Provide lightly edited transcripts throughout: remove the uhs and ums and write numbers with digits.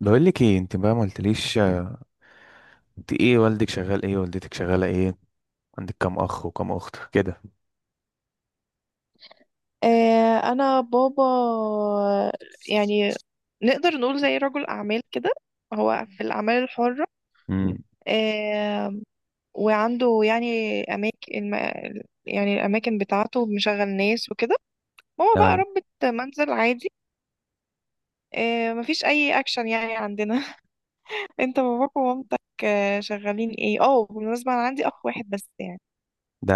بقول لك ايه؟ انت بقى ما قلتليش. انت ايه، والدك شغال ايه، والدتك شغاله ايه، عندك كام اخ وكام اخت كده؟ آه، انا بابا، يعني نقدر نقول زي رجل اعمال كده. هو في الاعمال الحرة. امم. آه، وعنده يعني اماكن، يعني الاماكن بتاعته مشغل ناس وكده. ماما بقى ده ربة منزل عادي. آه، مفيش اي اكشن يعني عندنا. انت باباك ومامتك شغالين ايه؟ اه بالمناسبة انا عندي اخ واحد بس يعني. ده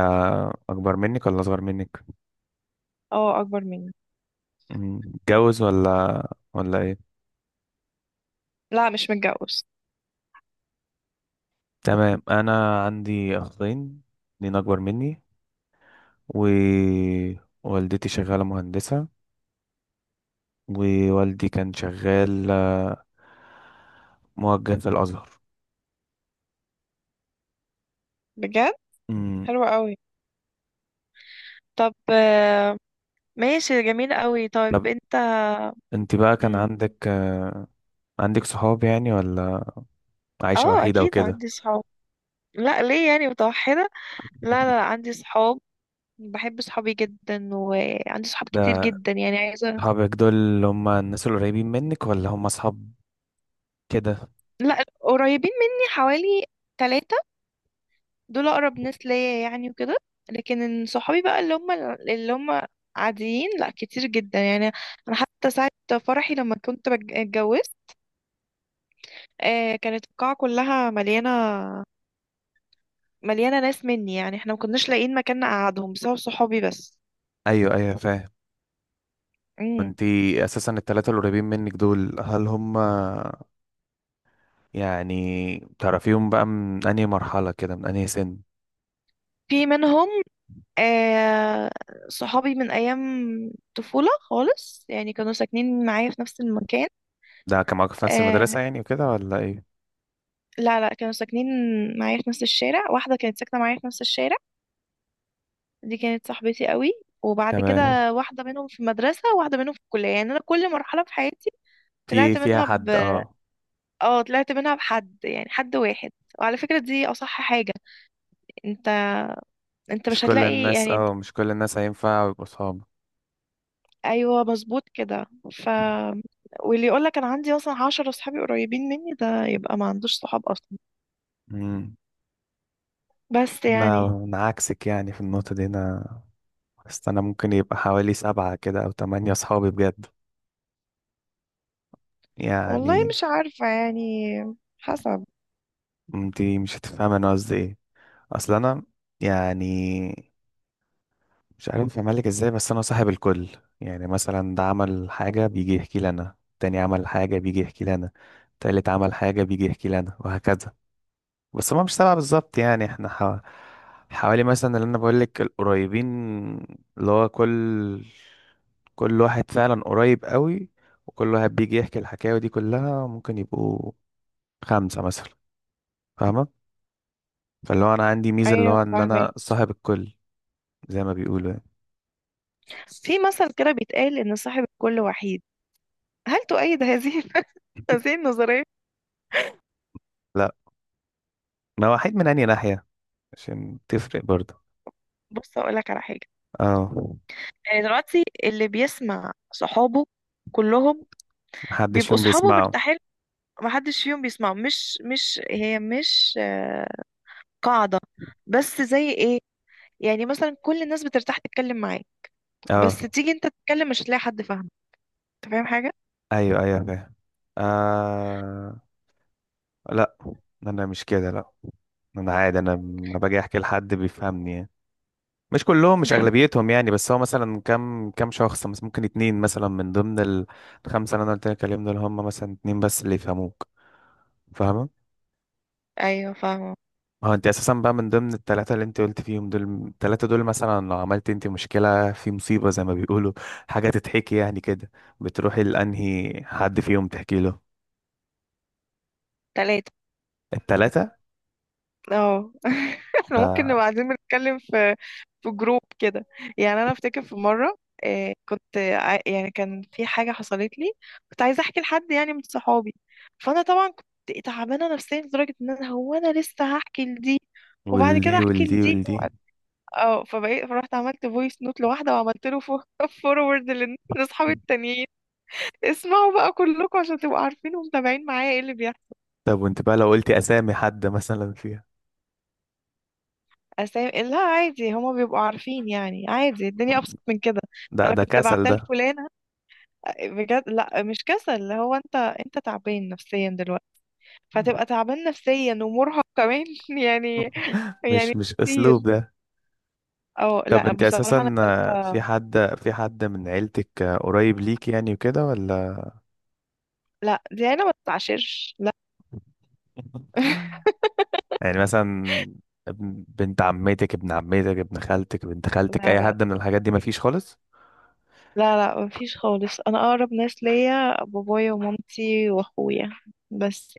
اكبر منك ولا اصغر منك؟ اه اكبر مني. متجوز ولا ايه؟ لا مش متجوز. تمام. انا عندي اخين اتنين اكبر مني، ووالدتي شغاله مهندسه، ووالدي كان شغال موجه في الازهر. بجد؟ امم. حلوة قوي. طب ماشي جميل قوي. طيب طب، انت. انت بقى كان مم. عندك آه، عندك صحاب يعني، ولا عايشه اه وحيده اكيد وكده؟ عندي صحاب. لا ليه يعني متوحدة؟ لا لا لا، عندي صحاب. بحب صحابي جدا وعندي صحاب كتير ده جدا، يعني عايزة. صحابك دول اللي هم الناس القريبين منك، ولا هم اصحاب كده؟ لا قريبين مني حوالي 3. دول أقرب ناس ليا يعني وكده. لكن إن صحابي بقى اللي هم عاديين لا كتير جدا يعني. أنا حتى ساعة فرحي لما كنت اتجوزت، آه، كانت القاعة كلها مليانة ناس مني، يعني احنا ما كناش لاقيين مكان نقعدهم بسبب صحابي بس. ايوه، ايوه، فاهم. امم. انتي اساسا التلاتة القريبين منك دول، هل هم يعني تعرفيهم بقى من انهي مرحلة كده، من انهي سن؟ في منهم، آه، صحابي من أيام طفولة خالص، يعني كانوا ساكنين معايا في نفس المكان. كان معاكم في نفس آه المدرسة يعني وكده، ولا ايه؟ لا لا، كانوا ساكنين معايا في نفس الشارع. واحدة كانت ساكنة معايا في نفس الشارع، دي كانت صاحبتي قوي. وبعد تمام. كده واحدة منهم في المدرسة وواحدة منهم في الكلية، يعني أنا كل مرحلة في حياتي طلعت فيها منها ب حد، اه. اه طلعت منها بحد، يعني حد واحد. وعلى فكرة دي أصح حاجة. انت انت مش هتلاقي يعني. مش كل الناس هينفع يبقوا صحاب. ايوه مظبوط كده. ف واللي يقول لك انا عندي مثلا 10 صحابي قريبين مني ده يبقى ما عندوش صحاب اصلا. امم. بس انا يعني. انا عكسك يعني في النقطة دي. انا بس انا ممكن يبقى حوالي سبعة كده او تمانية صحابي بجد والله يعني. مش عارفة يعني، حسب. انت مش هتفهم انا قصدي ايه. اصل انا يعني مش عارف اعمل لك ازاي، بس انا صاحب الكل. يعني مثلا، ده عمل حاجة بيجي يحكي لي انا، تاني عمل حاجة بيجي يحكي لي انا، تالت عمل حاجة بيجي يحكي لي انا، وهكذا. بس هما مش سبعة بالظبط يعني. احنا حوالي مثلا، اللي انا بقول لك، القريبين، اللي هو كل واحد فعلا قريب قوي، وكل واحد بيجي يحكي الحكاوي دي كلها ممكن يبقوا خمسة مثلا، فاهمة؟ فاللي هو انا عندي ميزه، اللي ايوه هو ان فاهمة. انا صاحب الكل، زي ما بيقولوا يعني. في مثل كده بيتقال ان صاحب الكل وحيد. هل تؤيد هذه هذه النظرية؟ لا. انا وحيد من انهي ناحيه؟ عشان تفرق برضه. بص اقول لك على حاجة. اه. يعني دلوقتي اللي بيسمع صحابه كلهم محدش بيبقوا فيهم صحابه بيسمعه؟ مرتاحين. محدش فيهم بيسمعه، مش قاعدة، بس زي ايه؟ يعني مثلا كل الناس بترتاح تتكلم معاك، بس اه، تيجي انت تتكلم مش هتلاقي حد فاهمك. انت فاهم حاجة؟ ايوه، ايوه، فاهم. آه، لا، انا مش كده، لا. انا عادي. انا لما باجي احكي لحد بيفهمني يعني. مش كلهم، مش اغلبيتهم يعني، بس هو مثلا كم شخص مثلا ممكن اتنين مثلا من ضمن الخمسه اللي انا قلت لك عليهم، دول هم مثلا اتنين بس اللي يفهموك. فاهمه؟ ايوه فاهمه. ما هو انت اساسا بقى من ضمن الثلاثه اللي انت قلت فيهم دول. الثلاثه دول مثلا لو عملت انت مشكله، في مصيبه زي ما بيقولوا، حاجه تتحكي يعني كده، بتروحي لانهي حد فيهم تحكي له؟ 3. الثلاثه؟ اه احنا ممكن نبقى لا، قاعدين بنتكلم في جروب كده. يعني انا افتكر في مرة، آه، كنت يعني كان في حاجة حصلت لي، كنت عايزة احكي لحد يعني من صحابي. فانا طبعا كنت تعبانة نفسيا لدرجة ان انا لسه هحكي لدي، وبعد كده والدي، احكي والدي، لدي. والدي. اه فبقيت فرحت عملت فويس نوت لواحدة وعملت له فورورد لاصحابي التانيين. اسمعوا بقى كلكم عشان تبقوا عارفين ومتابعين معايا ايه اللي بيحصل. طب، وانت بقى لو قلتي اسامي حد مثلا فيها؟ أسامي لا عادي هما بيبقوا عارفين، يعني عادي الدنيا أبسط من كده. ده أنا ده كنت كسل بعتها ده. لفلانة. بجد لا مش كسل، اللي هو أنت تعبان نفسيا دلوقتي، فتبقى تعبان نفسيا ومرهق كمان يعني. يعني مش كتير. اسلوب ده. أو طب، لا انت بصراحة أنا اساسا في 3. حد في حد من عيلتك قريب ليك يعني، وكده، ولا؟ لا دي أنا ما بتعاشرش لا يعني مثلا، بنت عمتك، ابن عمتك، ابن خالتك، بنت لا خالتك، اي لا حد من الحاجات دي مفيش خالص؟ لا لا مفيش خالص. أنا أقرب ناس ليا بابايا ومامتي وأخويا بس.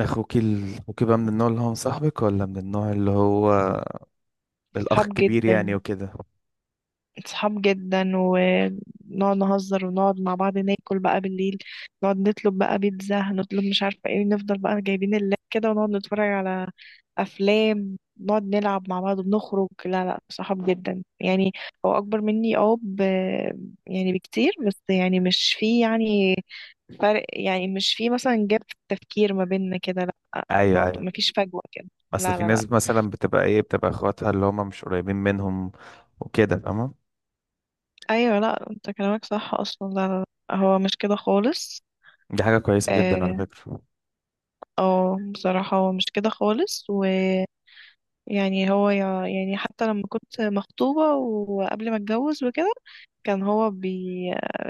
اخوكي بقى من النوع اللي هو مصاحبك، ولا من النوع اللي هو الاخ صحاب الكبير جدا. يعني وكده؟ صحاب جدا ونقعد نهزر ونقعد مع بعض ناكل بقى بالليل. نقعد نطلب بقى بيتزا، هنطلب مش عارفة ايه، نفضل بقى جايبين اللاب كده ونقعد نتفرج على أفلام. نقعد نلعب مع بعض بنخرج. لا لا صحاب جدا يعني. هو أكبر مني اه يعني بكتير، بس يعني مش في يعني فرق، يعني مش في مثلا جاب في التفكير ما بيننا كده. لا ايوه، الموضوع ايوه. مفيش فجوة كده. اصل لا في لا لا. ناس مثلا بتبقى اخواتها اللي هم مش قريبين منهم وكده، فاهمة؟ ايوه لا انت كلامك صح اصلا. لا لا. لا، هو مش كده خالص. دي حاجة كويسة جدا على اه فكرة. بصراحة هو مش كده خالص ويعني. هو يعني حتى لما كنت مخطوبة وقبل ما اتجوز وكده، كان هو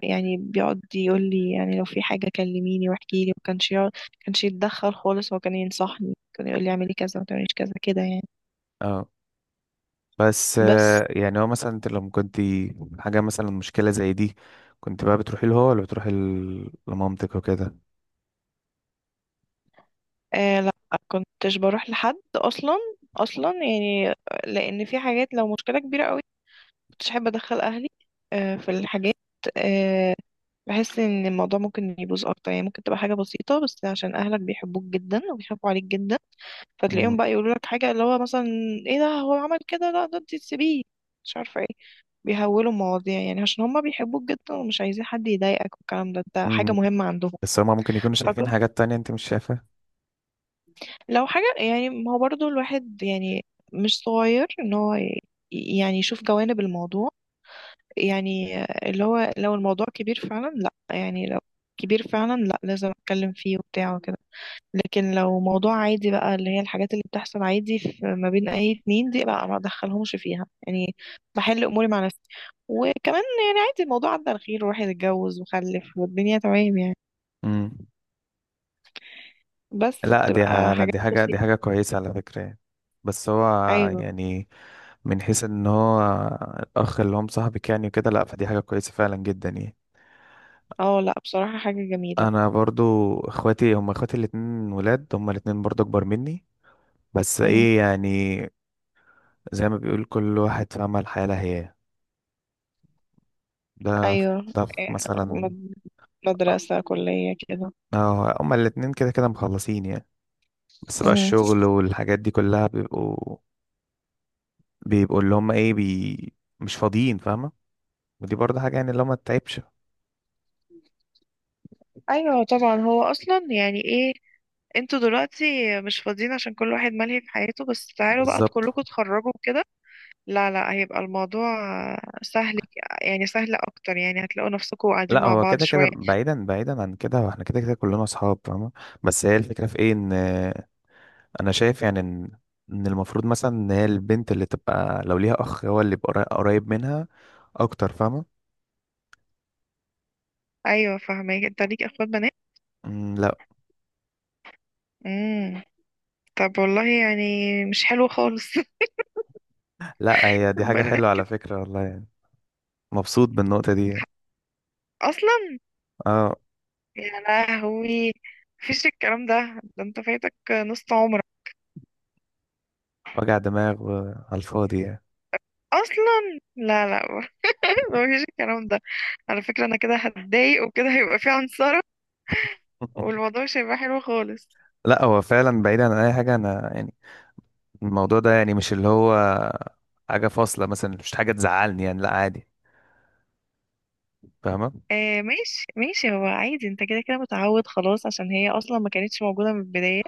يعني بيقعد يقول لي، يعني لو في حاجة كلميني واحكي لي، وكانش كانش يتدخل خالص. هو كان ينصحني، كان يقول لي اعملي كذا ما تعمليش كذا كده يعني. اه. بس بس يعني هو مثلا انت لما كنت حاجة مثلا مشكلة زي دي، كنت بقى بتروحي له هو، ولا بتروحي لمامتك وكده؟ آه لا، كنتش بروح لحد اصلا، اصلا يعني، لان في حاجات لو مشكلة كبيرة قوي كنتش احب ادخل اهلي. آه في الحاجات، آه، بحس ان الموضوع ممكن يبوظ اكتر، يعني ممكن تبقى حاجه بسيطه بس عشان اهلك بيحبوك جدا وبيخافوا عليك جدا، فتلاقيهم بقى يقولوا لك حاجه اللي هو مثلا: ايه ده هو عمل كده؟ لا ده انت تسيبيه مش عارفه ايه. بيهولوا المواضيع يعني عشان هما بيحبوك جدا ومش عايزين حد يضايقك، والكلام ده حاجه مم. مهمه عندهم. بس هما ممكن يكونوا شايفين فكنت حاجات تانية انت مش شايفها. لو حاجه يعني، ما هو برضو الواحد يعني مش صغير ان هو يعني يشوف جوانب الموضوع، يعني اللي هو لو الموضوع كبير فعلا لا، يعني لو كبير فعلا لا لازم اتكلم فيه وبتاع وكده. لكن لو موضوع عادي بقى اللي هي الحاجات اللي بتحصل عادي في ما بين اي اتنين دي بقى ما ادخلهمش فيها يعني، بحل اموري مع نفسي. وكمان يعني عادي الموضوع عدى على خير والواحد اتجوز وخلف والدنيا تمام يعني. امم. بس لا، بتبقى لا، حاجات دي حاجة دي بسيطة. حاجة كويسة على فكرة يعني. بس هو ايوه. يعني من حيث ان هو الاخ اللي هم صاحبك يعني وكده، لا، فدي حاجة كويسة فعلا جدا يعني. اه لا بصراحة حاجة جميلة. انا برضو اخواتي هم اخواتي الاتنين ولاد، هم الاتنين برضو اكبر مني. بس مم. ايه يعني، زي ما بيقول كل واحد في عمل حالة هي، ده ف- ايوه. ده في إيه، مثلا. مد- مدرسة كلية كده. اه، هما الاتنين كده كده مخلصين يعني. بس بقى مم. الشغل والحاجات دي كلها بيبقوا اللي هم ايه بي مش فاضيين، فاهمة؟ ودي برضه حاجة يعني، اللي هو ما تتعبش. ايوه طبعا هو اصلا يعني ايه، انتوا دلوقتي مش فاضيين عشان كل واحد ملهي في حياته، بس تعالوا بقى بالظبط. كلكم تخرجوا كده. لا لا هيبقى الموضوع سهل، يعني سهل اكتر، يعني هتلاقوا نفسكم قاعدين لا، مع هو بعض كده شوية. كده بعيدا بعيدا عن كده، هو احنا كده كده كلنا اصحاب، فاهمة؟ بس هي الفكرة في ايه؟ ان انا شايف يعني ان المفروض مثلا ان هي البنت اللي تبقى لو ليها اخ، هو اللي يبقى قريب منها اكتر، فاهمة؟ ايوه فاهمك انت ليك اخوات بنات؟ مم، لا. امم. طب والله يعني مش حلو خالص. لا، هي دي حاجة البنات حلوة على فكرة والله يعني. مبسوط بالنقطة دي يعني. اصلا. اه. يا لهوي، مفيش الكلام ده. ده انت فايتك نص عمرك. وجع دماغ على الفاضي يعني. اصلا لا لا مفيش الكلام ده. على فكرة انا كده هتضايق وكده هيبقى في عنصرة، والموضوع مش هيبقى حلو خالص. لا، هو فعلا بعيدا عن اي حاجة. انا يعني الموضوع ده يعني مش اللي هو حاجة فاصلة مثلا، مش حاجة تزعلني يعني، لا عادي، فاهمة؟ آه ماشي ماشي، هو عادي انت كده كده متعود خلاص عشان هي اصلا ما كانتش موجوده من البدايه.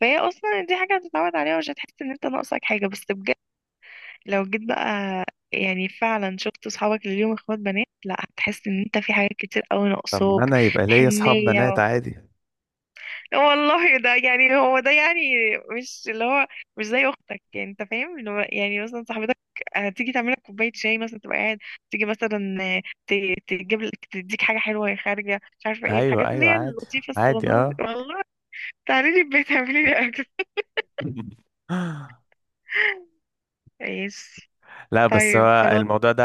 فهي اصلا دي حاجه هتتعود عليها ومش هتحس ان انت ناقصك حاجه، بس بجد لو جيت بقى يعني فعلا شفت اصحابك اللي ليهم اخوات بنات لا هتحس ان انت في حاجات كتير قوي طب ما ناقصاك. انا يبقى ليا اصحاب بنات حنيه. عادي. والله ده يعني، هو ده يعني، مش اللي هو مش زي اختك. يعني انت فاهم اللي هو يعني مثلا صاحبتك هتيجي تعمل لك كوبايه شاي مثلا تبقى قاعد، تيجي مثلا تجيب لك تديك حاجه حلوه وهي خارجه مش عارفه ايه، ايوه، الحاجات اللي ايوه، هي عادي. اللطيفه عادي، الصغننه دي اه. والله. تعالي لي البيت اعملي لي اكل. ماشي. لا، بس طيب هو خلاص. الموضوع ده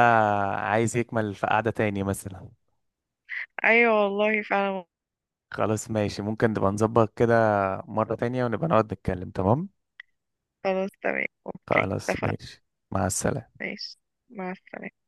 عايز يكمل في قعدة تاني مثلا. ايوه والله فعلا. خلاص، ماشي. ممكن نبقى نظبط كده مرة تانية، ونبقى نقعد نتكلم، تمام؟ خلاص تمام اوكي خلاص اتفقنا. ماشي، مع السلامة. ماشي. مع السلامه.